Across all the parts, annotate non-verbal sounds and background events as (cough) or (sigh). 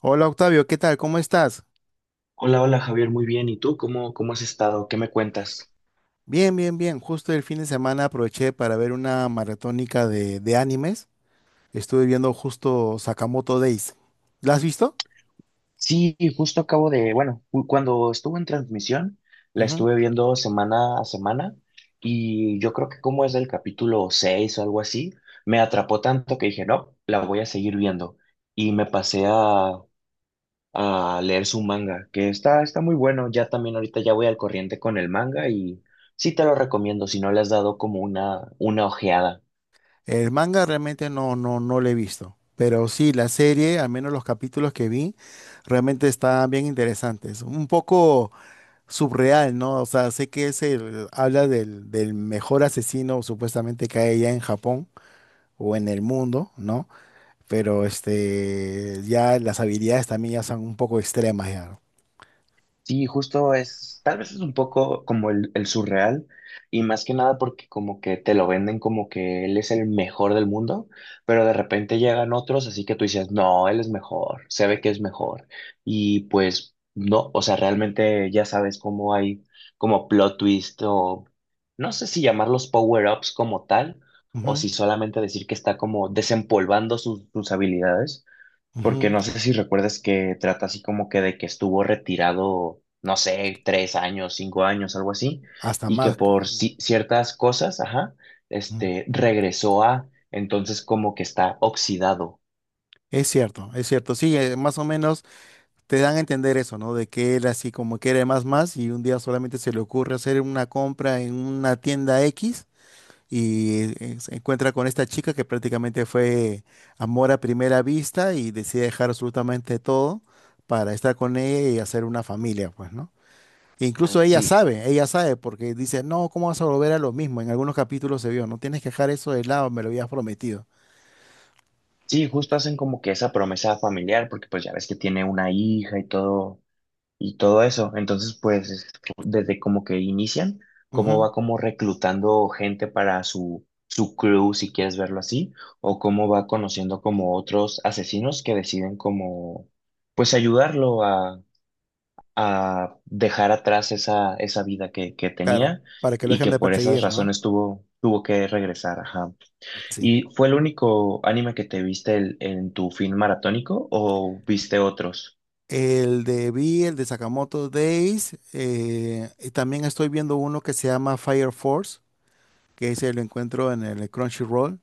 Hola Octavio, ¿qué tal? ¿Cómo estás? Hola, hola Javier, muy bien. ¿Y tú cómo has estado? ¿Qué me cuentas? Bien, bien, bien. Justo el fin de semana aproveché para ver una maratónica de animes. Estuve viendo justo Sakamoto Days. ¿La has visto? Sí, justo acabo de, bueno, cuando estuvo en transmisión, la Ujú. estuve viendo semana a semana y yo creo que como es del capítulo 6 o algo así, me atrapó tanto que dije, no, la voy a seguir viendo y me pasé a leer su manga, que está muy bueno. Ya también ahorita ya voy al corriente con el manga y sí te lo recomiendo si no le has dado como una ojeada. El manga realmente no, no, no lo he visto. Pero sí, la serie, al menos los capítulos que vi, realmente están bien interesantes. Un poco subreal, ¿no? O sea, sé que habla del mejor asesino supuestamente que hay allá en Japón o en el mundo, ¿no? Pero este, ya las habilidades también ya son un poco extremas ya. Sí, justo es, tal vez es un poco como el surreal, y más que nada porque como que te lo venden como que él es el mejor del mundo, pero de repente llegan otros, así que tú dices, no, él es mejor, se ve que es mejor, y pues no, o sea, realmente ya sabes cómo hay como plot twist, o no sé si llamarlos power-ups como tal, o Ujú, si solamente decir que está como desempolvando sus habilidades, porque ujú, no sé si recuerdas que trata así como que de que estuvo retirado, no sé, 3 años, 5 años, algo así, hasta y que más. Por ciertas cosas, ajá, Ujú. este, regresó a, entonces como que está oxidado. Es cierto, es cierto. Sí, más o menos te dan a entender eso, ¿no? De que él así como quiere más más y un día solamente se le ocurre hacer una compra en una tienda X y se encuentra con esta chica que prácticamente fue amor a primera vista y decide dejar absolutamente todo para estar con ella y hacer una familia, pues, ¿no? Incluso Ah, sí, ella sabe, porque dice, no, ¿cómo vas a volver a lo mismo? En algunos capítulos se vio, no tienes que dejar eso de lado, me lo habías prometido. sí, justo hacen como que esa promesa familiar, porque pues ya ves que tiene una hija y todo eso. Entonces, pues, desde como que inician, cómo Ujú, va como reclutando gente para su crew, si quieres verlo así, o cómo va conociendo como otros asesinos que deciden como, pues, ayudarlo a dejar atrás esa vida que claro, tenía, para que lo y dejen que de por esas perseguir, ¿no? razones tuvo que regresar. Ajá. Sí. ¿Y fue el único anime que te viste en tu fin maratónico o viste otros? El de Sakamoto Days, y también estoy viendo uno que se llama Fire Force, que ese lo encuentro en el Crunchyroll,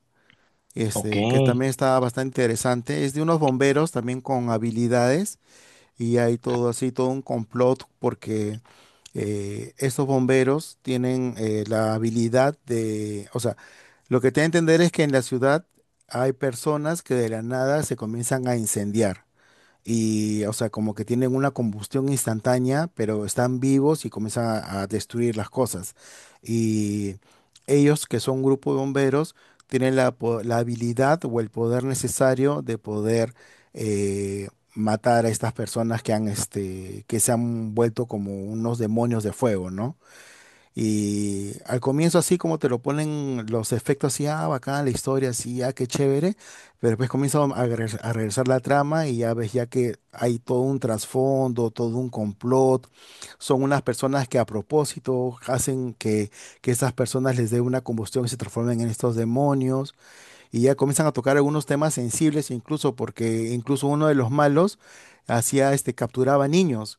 Ok. este, que también está bastante interesante. Es de unos bomberos también con habilidades, y hay todo así, todo un complot, porque estos bomberos tienen la habilidad de, o sea, lo que te da a entender es que en la ciudad hay personas que de la nada se comienzan a incendiar y, o sea, como que tienen una combustión instantánea, pero están vivos y comienzan a, destruir las cosas. Y ellos, que son un grupo de bomberos, tienen la habilidad o el poder necesario de poder eh, matar a estas personas que han, este, que se han vuelto como unos demonios de fuego, ¿no? Y al comienzo así como te lo ponen los efectos así, ah, bacán, la historia así, ah, qué chévere, pero después comienza a regresar la trama y ya ves ya que hay todo un trasfondo, todo un complot, son unas personas que a propósito hacen que esas personas les dé una combustión y se transformen en estos demonios y ya comienzan a tocar algunos temas sensibles incluso porque incluso uno de los malos hacía este capturaba niños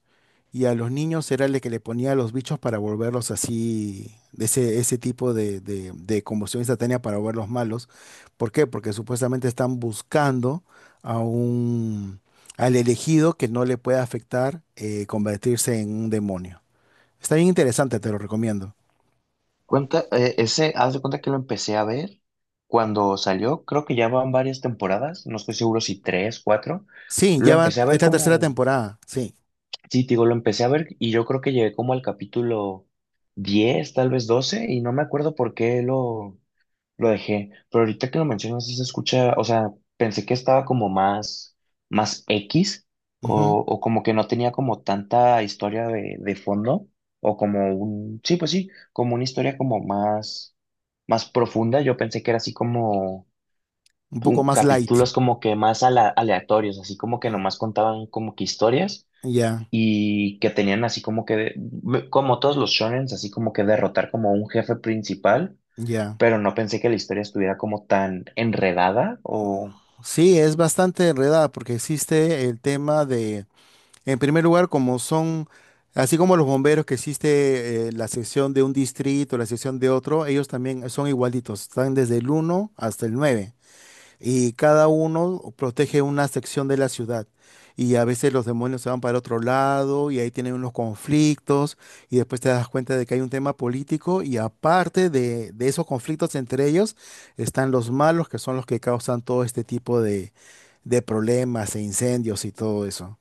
y a los niños era el que le ponía los bichos para volverlos así de ese tipo de, convulsión instantánea para volverlos malos. ¿Por qué? Porque supuestamente están buscando a un al elegido que no le pueda afectar convertirse en un demonio. Está bien interesante, te lo recomiendo. Cuenta, ese, haz de cuenta que lo empecé a ver cuando salió, creo que ya van varias temporadas, no estoy seguro si tres, cuatro. Sí, Lo ya va, empecé a ver es la tercera como, temporada, sí. sí, te digo, lo empecé a ver y yo creo que llegué como al capítulo 10, tal vez 12, y no me acuerdo por qué lo dejé, pero ahorita que lo mencionas sí se escucha, o sea, pensé que estaba como más, X, Ujú, o como que no tenía como tanta historia de fondo, o como un, sí, pues sí, como una historia como más profunda. Yo pensé que era así como un poco más light, capítulos como que más aleatorios, así como que nomás contaban como que historias, ya. y que tenían así como que, como todos los shonens, así como que derrotar como un jefe principal, Ya, pero no pensé que la historia estuviera como tan enredada o... sí, es bastante enredada porque existe el tema de, en primer lugar, como son, así como los bomberos que existe la sección de un distrito, la sección de otro, ellos también son igualitos, están desde el uno hasta el 9. Y cada uno protege una sección de la ciudad. Y a veces los demonios se van para otro lado y ahí tienen unos conflictos y después te das cuenta de que hay un tema político y aparte de esos conflictos entre ellos están los malos que son los que causan todo este tipo de problemas e incendios y todo eso.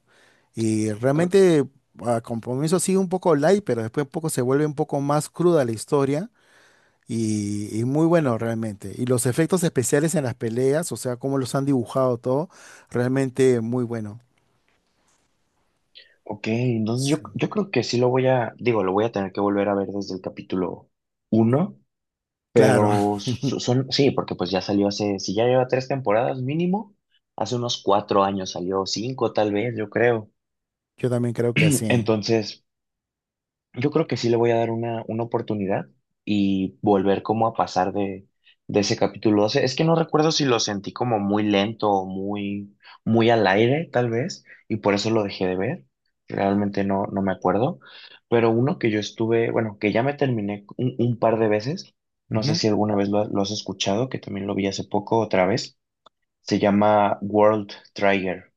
Y creo- realmente a compromiso sigue un poco light, pero después un poco se vuelve un poco más cruda la historia y muy bueno realmente. Y los efectos especiales en las peleas, o sea, cómo los han dibujado todo, realmente muy bueno. Ok, entonces yo, Sí. yo creo que sí lo voy a, digo, lo voy a tener que volver a ver desde el capítulo uno, Claro, pero (laughs) son, sí, porque pues ya salió hace, si ya lleva tres temporadas mínimo, hace unos 4 años salió, cinco tal vez, yo creo. yo también creo que así. Entonces, yo creo que sí le voy a dar una oportunidad y volver como a pasar de ese capítulo 12. Es que no recuerdo si lo sentí como muy lento o muy, muy al aire, tal vez, y por eso lo dejé de ver. Realmente no, no me acuerdo. Pero uno que yo estuve, bueno, que ya me terminé un par de veces, no sé Ujú. si alguna vez lo has escuchado, que también lo vi hace poco otra vez, se llama World Trigger.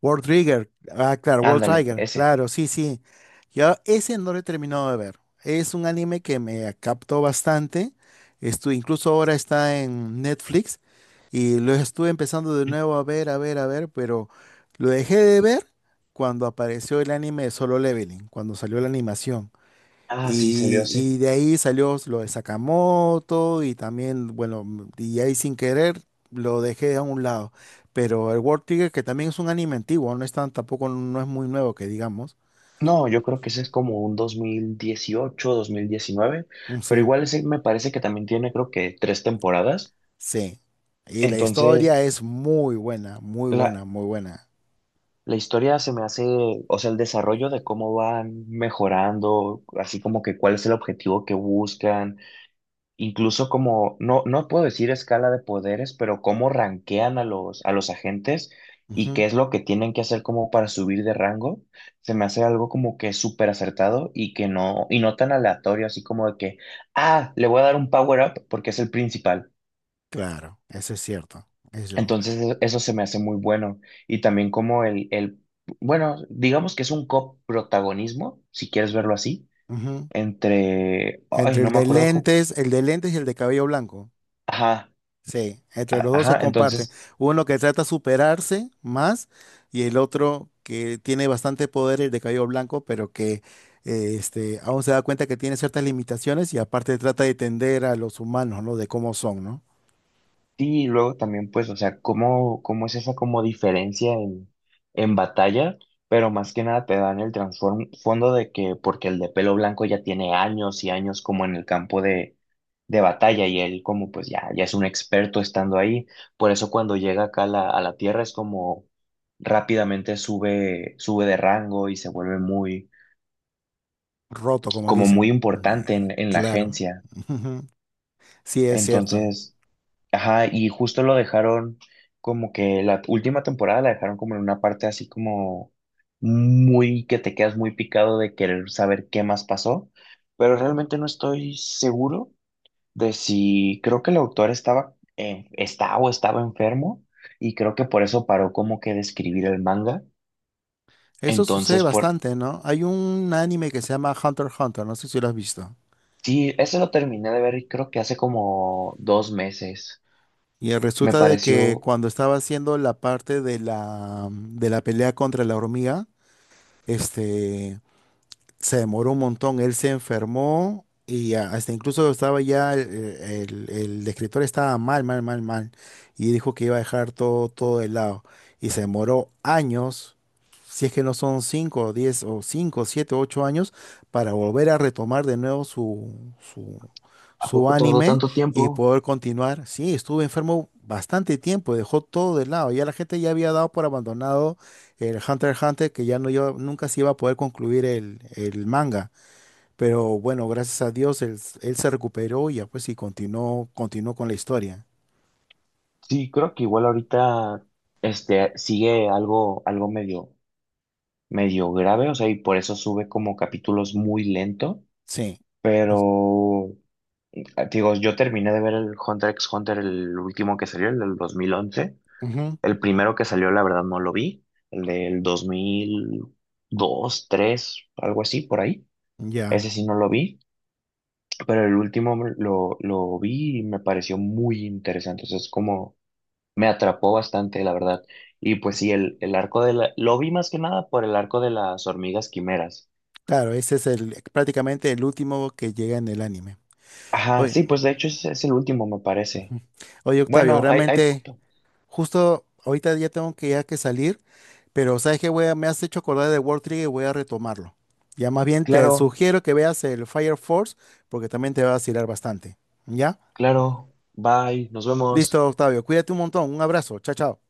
World Trigger. Ah, claro, World Ándale, Trigger. ese. Claro, sí, sí. Yo ese no lo he terminado de ver. Es un anime que me captó bastante. Incluso ahora está en Netflix y lo estuve empezando de nuevo a ver, a ver, a ver, pero lo dejé de ver cuando apareció el anime de Solo Leveling, cuando salió la animación. Ah, sí, salió Y, hace, y de ahí salió lo de Sakamoto y también, bueno, y ahí sin querer lo dejé a un lado. Pero el World Trigger, que también es un anime antiguo, no es tan, tampoco no es muy nuevo que digamos. no, yo creo que ese es como un dos mil dieciocho, 2019, Mm, pero sí, igual ese me parece que también tiene creo que tres temporadas. sí. Y la Entonces, historia es muy buena, muy buena, la, muy buena. la historia se me hace, o sea, el desarrollo de cómo van mejorando, así como que cuál es el objetivo que buscan, incluso como, no, no puedo decir escala de poderes, pero cómo rankean a los agentes y Ujú, qué es lo que tienen que hacer como para subir de rango, se me hace algo como que súper acertado y que no, y no tan aleatorio, así como de que, ah, le voy a dar un power up porque es el principal. claro, eso es cierto. Eso. Entonces eso se me hace muy bueno. Y también como el, bueno, digamos que es un coprotagonismo, si quieres verlo así, Ujú. entre, ay, Entre no me acuerdo cómo, el de lentes y el de cabello blanco. ajá, Sí, entre los dos se ajá, comparten. entonces... Uno que trata de superarse más y el otro que tiene bastante poder, el de cabello blanco, pero que este, aún se da cuenta que tiene ciertas limitaciones y aparte trata de tender a los humanos, ¿no? De cómo son, ¿no? Sí, y luego también, pues, o sea, cómo es esa como diferencia en batalla, pero más que nada te dan el transform fondo de que, porque el de pelo blanco ya tiene años y años como en el campo de batalla, y él como pues ya, ya es un experto estando ahí. Por eso cuando llega acá a la tierra es como rápidamente sube, sube de rango y se vuelve muy, Roto, como le como dicen. muy importante en, en la Claro. agencia. (laughs) Sí, es cierto. Entonces. Ajá, y justo lo dejaron como que la última temporada la dejaron como en una parte así como muy, que te quedas muy picado de querer saber qué más pasó, pero realmente no estoy seguro de si, creo que el autor estaba, está o estaba enfermo, y creo que por eso paró como que de escribir el manga. Eso sucede Entonces, por, bastante, ¿no? Hay un anime que se llama Hunter x Hunter, no sé si lo has visto. sí, ese lo terminé de ver y creo que hace como 2 meses. Y Me resulta de que pareció, cuando estaba haciendo la parte de la pelea contra la hormiga, este, se demoró un montón, él se enfermó y hasta incluso estaba ya, el escritor estaba mal, mal, mal, mal, y dijo que iba a dejar todo, todo de lado. Y se demoró años, si es que no son 5, 10 o 5, 7, 8 años, para volver a retomar de nuevo su, ¿a su poco tardó anime tanto y tiempo? poder continuar. Sí, estuvo enfermo bastante tiempo, dejó todo de lado, ya la gente ya había dado por abandonado el Hunter x Hunter, que nunca se iba a poder concluir el manga. Pero bueno, gracias a Dios, él se recuperó y ya pues y continuó, continuó con la historia. Sí, creo que igual ahorita este sigue algo, medio grave, o sea, y por eso sube como capítulos muy lento. Sí. Es- Pero, digo, yo terminé de ver el Hunter x Hunter, el último que salió, el del 2011. Ujú, El primero que salió, la verdad, no lo vi. El del dos mil dos, tres, algo así, por ahí. ya. Ese sí no lo vi, pero el último lo vi y me pareció muy interesante. O sea, es como me atrapó bastante, la verdad. Y pues sí, el, arco de la... Lo vi más que nada por el arco de las hormigas quimeras. Claro, ese es el prácticamente el último que llega en el anime. Ajá, Oye, sí, pues de hecho es, el último, me parece. oye, Octavio, Bueno, hay... realmente, justo ahorita ya tengo que ya que salir, pero sabes que me has hecho acordar de World Trigger y voy a retomarlo. Ya más bien te Claro, sugiero que veas el Fire Force porque también te va a vacilar bastante. ¿Ya? claro. Bye, nos vemos. Listo, Octavio. Cuídate un montón. Un abrazo. Chao, chao.